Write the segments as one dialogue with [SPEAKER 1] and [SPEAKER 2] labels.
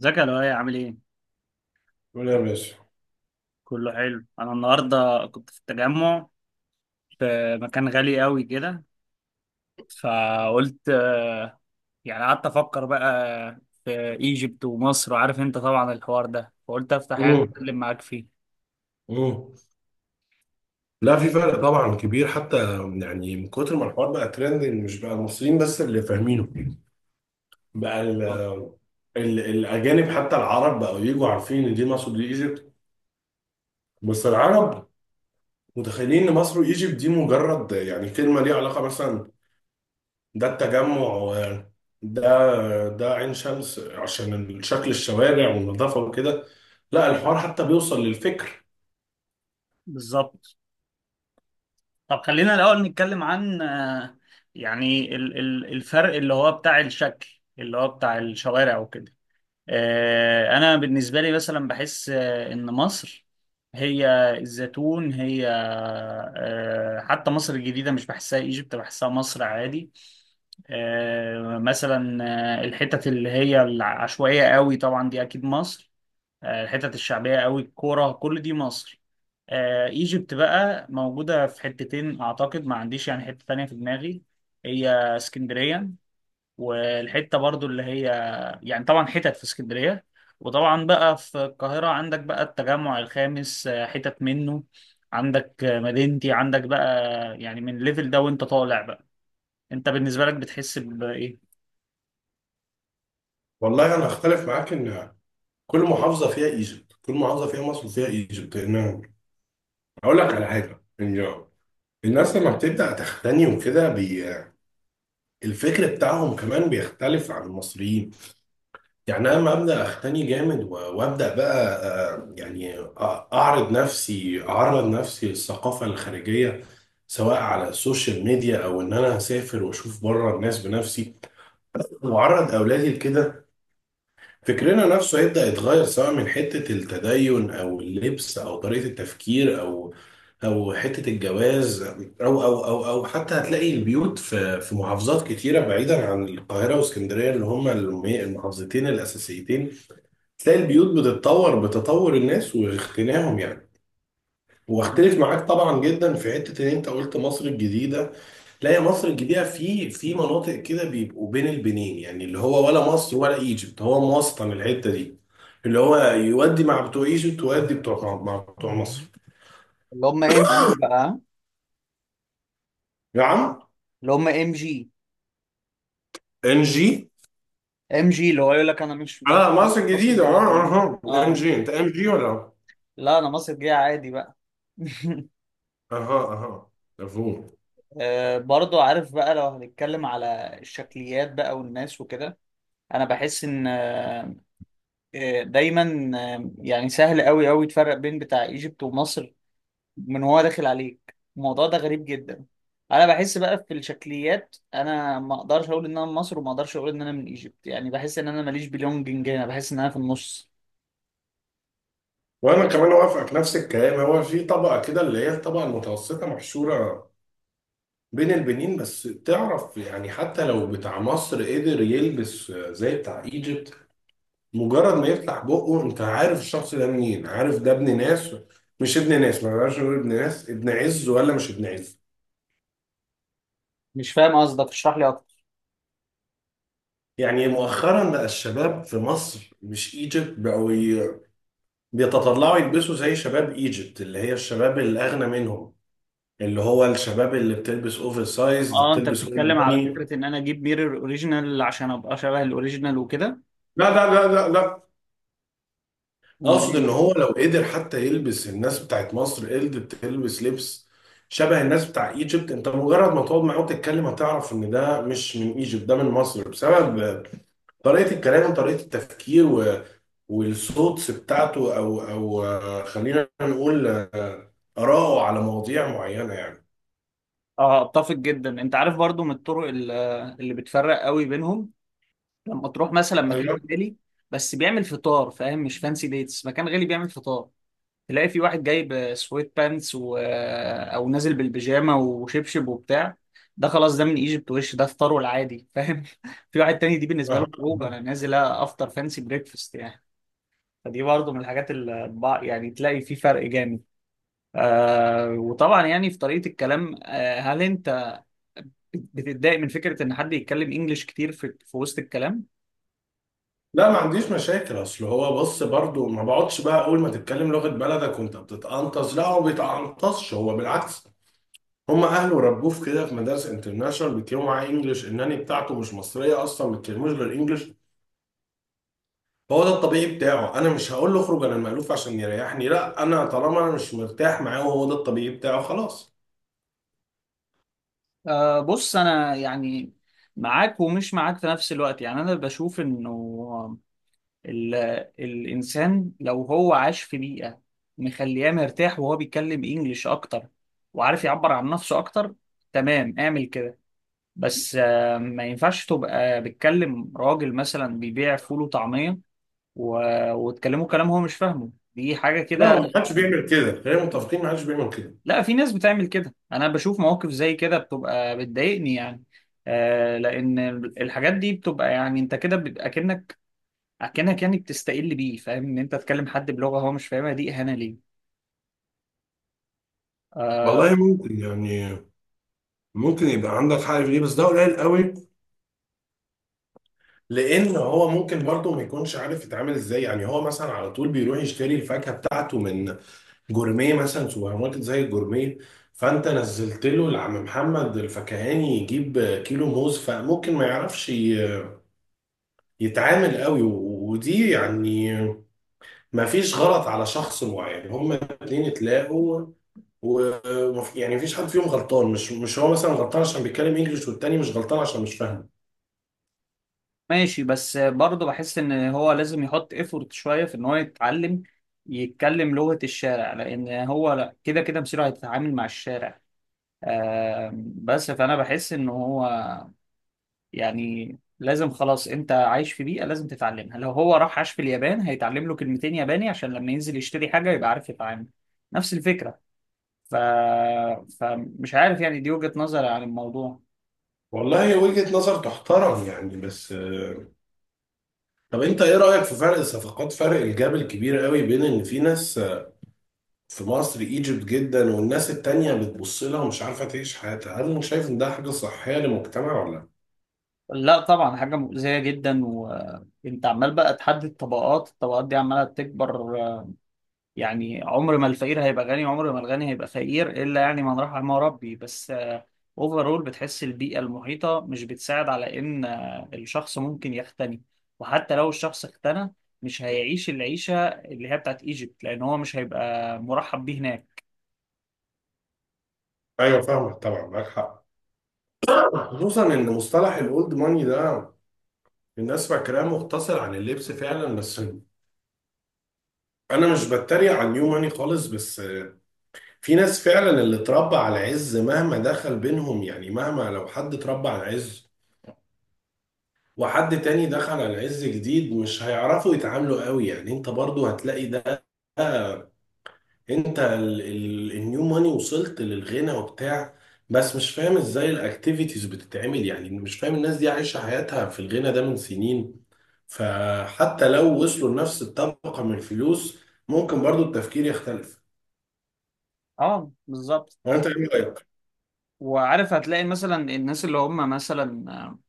[SPEAKER 1] ازيك يا لؤي؟ عامل ايه؟
[SPEAKER 2] ولا يا باشا.
[SPEAKER 1] كله حلو. انا النهارده كنت في التجمع، في مكان غالي قوي كده. فقلت يعني قعدت افكر بقى في ايجيبت ومصر، وعارف انت طبعا الحوار ده، فقلت افتح حاجه
[SPEAKER 2] مم.
[SPEAKER 1] اتكلم معاك فيه.
[SPEAKER 2] مم. لا، في فرق طبعا كبير. حتى من كتر ما الحوار بقى ترندنج، مش بقى المصريين بس اللي فاهمينه. بقى ال
[SPEAKER 1] اه،
[SPEAKER 2] ال الاجانب حتى العرب بقوا يجوا عارفين ان دي مصر دي ايجيبت. بس العرب متخيلين ان مصر وايجيبت دي مجرد كلمه ليها علاقه، مثلا ده التجمع ده ده عين شمس عشان شكل الشوارع والنظافه وكده. لا، الحوار حتى بيوصل للفكر.
[SPEAKER 1] بالظبط. طب خلينا الاول نتكلم عن يعني الفرق اللي هو بتاع الشكل اللي هو بتاع الشوارع وكده. انا بالنسبه لي مثلا بحس ان مصر هي الزيتون، هي حتى مصر الجديده، مش بحسها ايجيبت، بحسها مصر عادي. مثلا الحتت اللي هي العشوائيه قوي طبعا، دي اكيد مصر. الحتت الشعبيه قوي، الكوره، كل دي مصر. ايجيبت بقى موجوده في حتتين، اعتقد ما عنديش يعني حته تانية في دماغي. هي اسكندريه، والحته برضو اللي هي يعني طبعا حتت في اسكندريه، وطبعا بقى في القاهره عندك بقى التجمع الخامس، حتت منه، عندك مدينتي، عندك بقى يعني من الليفل ده وانت طالع بقى. انت بالنسبه لك بتحس بايه؟
[SPEAKER 2] والله انا اختلف معاك. ان كل محافظه فيها ايجيبت، كل محافظه فيها مصر وفيها ايجيبت. لان اقول لك على حاجه، إن الناس لما بتبدا تختني وكده الفكر بتاعهم كمان بيختلف عن المصريين. انا لما ابدا اختني جامد وابدا بقى، آه، يعني أ- اعرض نفسي، اعرض نفسي للثقافه الخارجيه، سواء على السوشيال ميديا او ان انا اسافر واشوف بره الناس بنفسي واعرض اولادي لكده. فكرنا نفسه هيبدأ يتغير، سواء من حتة التدين أو اللبس أو طريقة التفكير أو أو حتة الجواز أو حتى هتلاقي البيوت في محافظات كتيرة بعيدا عن القاهرة واسكندرية، اللي هما المحافظتين الأساسيتين، تلاقي البيوت بتتطور بتطور الناس واغتناهم يعني. واختلف معاك طبعا جدا في حتة إن أنت قلت مصر الجديدة. لا يا مصر الجديدة، في مناطق كده بيبقوا بين البنين، اللي هو ولا مصر ولا ايجيبت، هو موسطن الحتة دي، اللي هو يودي مع بتوع ايجيبت ويودي بتوع مع بتوع مصر.
[SPEAKER 1] اللي هم ام جي بقى.
[SPEAKER 2] يا عم،
[SPEAKER 1] اللي هم ام جي.
[SPEAKER 2] ام جي.
[SPEAKER 1] ام جي اللي هو يقول لك انا مش
[SPEAKER 2] اه، مصر الجديدة.
[SPEAKER 1] مصري
[SPEAKER 2] اه،
[SPEAKER 1] يعني.
[SPEAKER 2] اها، ام
[SPEAKER 1] اه.
[SPEAKER 2] جي. انت ام جي ولا؟
[SPEAKER 1] لا انا مصري جاي عادي بقى.
[SPEAKER 2] اها، اها، مفهوم.
[SPEAKER 1] برضو عارف بقى، لو هنتكلم على الشكليات بقى والناس وكده، انا بحس ان دايما يعني سهل قوي قوي تفرق بين بتاع ايجيبت ومصر من هو داخل عليك. الموضوع ده غريب جدا. انا بحس بقى في الشكليات، انا ما اقدرش اقول ان انا من مصر وما اقدرش اقول ان انا من ايجيبت، يعني بحس ان انا ماليش بلونجنج هنا، بحس ان انا في النص.
[SPEAKER 2] وانا كمان اوافقك نفس الكلام. هو في طبقة كده اللي هي الطبقة المتوسطة محشورة بين البنين. بس تعرف، حتى لو بتاع مصر قدر يلبس زي بتاع ايجيبت، مجرد ما يفتح بقه انت عارف الشخص ده منين. عارف ده ابن ناس؟ مش ابن ناس، ما بقاش نقول ابن ناس، ابن عز ولا مش ابن عز.
[SPEAKER 1] مش فاهم قصدك، اشرح لي اكتر.
[SPEAKER 2] مؤخرا بقى الشباب في مصر مش ايجيبت بقوا بيتطلعوا يلبسوا زي شباب ايجيبت، اللي هي الشباب الاغنى منهم، اللي هو الشباب اللي بتلبس اوفر سايز، اللي
[SPEAKER 1] اه، انت
[SPEAKER 2] بتلبس اول
[SPEAKER 1] بتتكلم على
[SPEAKER 2] باني.
[SPEAKER 1] فكرة ان انا اجيب ميرور اوريجينال عشان ابقى شبه الاوريجينال وكده؟
[SPEAKER 2] لا لا لا لا لا،
[SPEAKER 1] امال
[SPEAKER 2] اقصد ان
[SPEAKER 1] إيه؟
[SPEAKER 2] هو لو قدر. حتى يلبس، الناس بتاعت مصر قدرت تلبس لبس شبه الناس بتاع ايجيبت، انت مجرد ما تقعد معاه وتتكلم هتعرف ان ده مش من ايجيبت، ده من مصر، بسبب طريقة الكلام وطريقة التفكير والصوتس بتاعته، او او خلينا نقول آراءه على مواضيع معينة يعني.
[SPEAKER 1] اه، اتفق جدا. انت عارف برضو من الطرق اللي بتفرق قوي بينهم، لما تروح مثلا
[SPEAKER 2] ايوه.
[SPEAKER 1] مكان غالي بس بيعمل فطار، فاهم؟ مش فانسي ديتس، مكان غالي بيعمل فطار. تلاقي في واحد جايب سويت بانتس و... آه، او نازل بالبيجامه وشبشب وبتاع. ده خلاص ده من ايجيبت، وش ده فطاره العادي، فاهم؟ في واحد تاني دي بالنسبه
[SPEAKER 2] أها.
[SPEAKER 1] له خروج، انا نازل افطر فانسي بريكفاست يعني. فدي برضه من الحاجات اللي يعني تلاقي في فرق جامد. وطبعا يعني في طريقه الكلام. هل انت بتتضايق من فكره ان حد يتكلم انجليش كتير في وسط الكلام؟
[SPEAKER 2] لا، ما عنديش مشاكل. اصل هو بص، برضو ما بقعدش بقى اول ما تتكلم لغة بلدك وانت بتتقنطص. لا، هو ما بيتقنطصش، هو بالعكس. هم اهله ربوه في كده، في مدارس انترناشونال بيتكلموا معاه انجلش، الناني بتاعته مش مصريه اصلا ما بيتكلموش غير انجلش. فهو ده الطبيعي بتاعه. انا مش هقول له اخرج انا المألوف عشان يريحني. لا، انا طالما انا مش مرتاح معاه وهو ده الطبيعي بتاعه، خلاص.
[SPEAKER 1] أه بص، أنا يعني معاك ومش معاك في نفس الوقت. يعني أنا بشوف إنه ال... الإنسان لو هو عاش في بيئة مخلياه مرتاح وهو بيتكلم إنجليش أكتر وعارف يعبر عن نفسه أكتر، تمام، اعمل كده. بس أه ما ينفعش تبقى بتكلم راجل مثلا بيبيع فول وطعمية و... وتكلمه كلام هو مش فاهمه. دي حاجة
[SPEAKER 2] لا، هو
[SPEAKER 1] كده.
[SPEAKER 2] ما حدش بيعمل كده، خلينا متفقين ما حدش بيعمل كده.
[SPEAKER 1] لا في ناس بتعمل كده، انا بشوف مواقف زي كده بتبقى بتضايقني يعني. لان الحاجات دي بتبقى يعني انت كده بيبقى اكنك، يعني بتستقل بيه. فاهم ان انت تكلم حد بلغة هو مش فاهمها دي اهانة ليه. آه.
[SPEAKER 2] والله ممكن ممكن يبقى عندك حق في دي، بس ده قليل قوي. لان هو ممكن برضه ما يكونش عارف يتعامل ازاي. هو مثلا على طول بيروح يشتري الفاكهه بتاعته من جورميه مثلا، سوبر ماركت زي الجورميه. فانت نزلت له لعم محمد الفكهاني يجيب كيلو موز، فممكن ما يعرفش يتعامل قوي ودي يعني ما فيش غلط على شخص معين، هما الاتنين اتلاقوا و يعني مفيش حد فيهم غلطان. مش هو مثلا غلطان عشان بيتكلم انجلش والتاني مش غلطان عشان مش فاهم.
[SPEAKER 1] ماشي بس برضه بحس ان هو لازم يحط ايفورت شوية في ان هو يتعلم يتكلم لغة الشارع، لان هو لا كده كده مصيره هيتعامل مع الشارع. بس فانا بحس ان هو يعني لازم، خلاص انت عايش في بيئة لازم تتعلمها. لو هو راح عاش في اليابان هيتعلم له كلمتين ياباني عشان لما ينزل يشتري حاجة يبقى عارف يتعامل. نفس الفكرة. ف... فمش عارف، يعني دي وجهة نظري عن الموضوع.
[SPEAKER 2] والله وجهة نظر تحترم يعني. بس طب انت ايه رأيك في فرق الصفقات، فرق الجاب الكبير قوي بين ان في ناس في مصر ايجيبت جدا والناس التانية بتبص لها ومش عارفة تعيش حياتها؟ هل شايف ان ده حاجة صحية للمجتمع ولا لا؟
[SPEAKER 1] لا طبعا حاجة مؤذية جدا. وانت عمال بقى تحدد طبقات، الطبقات دي عمالة تكبر يعني. عمر ما الفقير هيبقى غني، عمر ما الغني هيبقى فقير، إلا يعني من رحم ربي بس. اوفرول بتحس البيئة المحيطة مش بتساعد على إن الشخص ممكن يغتني. وحتى لو الشخص اغتنى مش هيعيش العيشة اللي هي بتاعت ايجيبت، لأن هو مش هيبقى مرحب بيه هناك.
[SPEAKER 2] ايوه، فاهمك طبعا، معاك حق. خصوصا ان مصطلح الاولد ماني ده الناس فاكراه مقتصر عن اللبس فعلا، بس انا مش بتريق على النيو ماني خالص. بس في ناس فعلا اللي اتربى على عز، مهما دخل بينهم، مهما لو حد اتربى على عز وحد تاني دخل على عز جديد، مش هيعرفوا يتعاملوا قوي. انت برضو هتلاقي ده، انت ال النيو ماني وصلت للغنى وبتاع، بس مش فاهم ازاي الاكتيفيتيز بتتعمل. مش فاهم، الناس دي عايشة حياتها في الغنى ده من سنين، فحتى لو وصلوا لنفس الطبقة من الفلوس ممكن برضو التفكير يختلف.
[SPEAKER 1] اه بالظبط.
[SPEAKER 2] وانت ايه رأيك؟
[SPEAKER 1] وعارف هتلاقي مثلا الناس اللي هم مثلا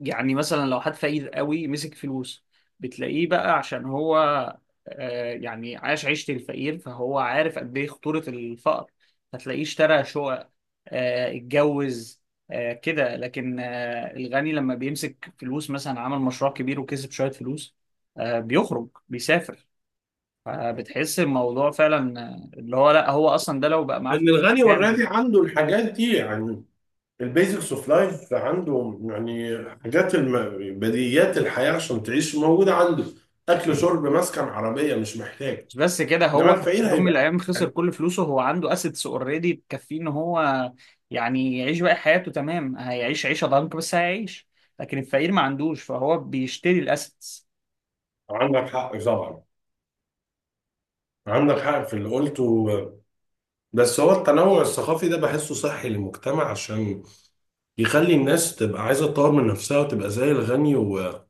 [SPEAKER 1] يعني مثلا لو حد فقير قوي مسك فلوس، بتلاقيه بقى عشان هو يعني عاش عيشة الفقير فهو عارف قد ايه خطورة الفقر، فتلاقيه اشترى شقق، اتجوز، كده. لكن الغني لما بيمسك فلوس مثلا عمل مشروع كبير وكسب شوية فلوس، بيخرج، بيسافر. فبتحس الموضوع فعلا اللي هو لا هو اصلا ده لو بقى معاه
[SPEAKER 2] لان
[SPEAKER 1] فلوس
[SPEAKER 2] الغني والراضي
[SPEAKER 1] يعني.
[SPEAKER 2] عنده الحاجات دي يعني، البيزكس اوف لايف عنده، بديهيات الحياة عشان تعيش موجودة عنده. اكل، شرب، مسكن، عربية، مش محتاج.
[SPEAKER 1] مش بس كده.
[SPEAKER 2] انما
[SPEAKER 1] هو في
[SPEAKER 2] الفقير
[SPEAKER 1] يوم من
[SPEAKER 2] هيبقى.
[SPEAKER 1] الايام خسر كل فلوسه، هو عنده اسيتس اوريدي تكفيه ان هو يعني يعيش باقي حياته. تمام، هيعيش عيشه ضنك بس هيعيش. لكن الفقير ما عندوش فهو بيشتري الاسيتس.
[SPEAKER 2] عندك حق طبعا، عندك حق في اللي قلته. بس هو التنوع الثقافي ده بحسه صحي للمجتمع، عشان يخلي الناس تبقى عايزة تطور من نفسها وتبقى زي الغني، وحاجة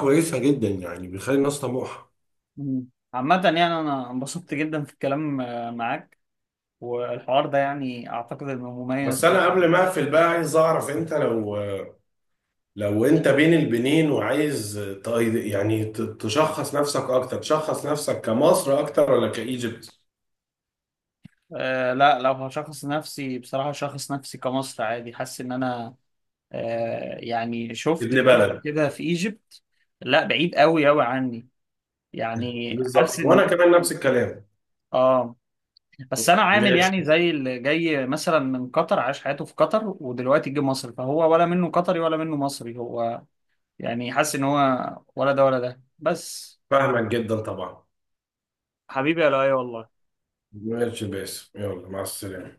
[SPEAKER 2] كويسة جدا يعني، بيخلي الناس طموحة.
[SPEAKER 1] مم. عامة يعني انا انبسطت جدا في الكلام معاك، والحوار ده يعني اعتقد انه مميز
[SPEAKER 2] بس أنا
[SPEAKER 1] شوية.
[SPEAKER 2] قبل ما أقفل بقى عايز أعرف أنت، لو أنت بين البنين وعايز تشخص نفسك أكتر، تشخص نفسك كمصر أكتر ولا كإيجيبت؟
[SPEAKER 1] أه لا، لو هشخص نفسي بصراحة شخص نفسي كمصر عادي. حاسس ان انا يعني شفت
[SPEAKER 2] ابن بلد.
[SPEAKER 1] كده في ايجيبت، لا بعيد قوي قوي عني. يعني حاسس
[SPEAKER 2] بالظبط،
[SPEAKER 1] ان.
[SPEAKER 2] وأنا كمان نفس الكلام.
[SPEAKER 1] اه بس انا عامل
[SPEAKER 2] ماشي.
[SPEAKER 1] يعني زي اللي جاي مثلا من قطر عاش حياته في قطر ودلوقتي جه مصر، فهو ولا منه قطري ولا منه مصري. هو يعني حاسس ان هو ولا ده ولا ده بس.
[SPEAKER 2] فاهمك جدا طبعا.
[SPEAKER 1] حبيبي يا لؤي والله.
[SPEAKER 2] ماشي باسم، يلا مع السلامة.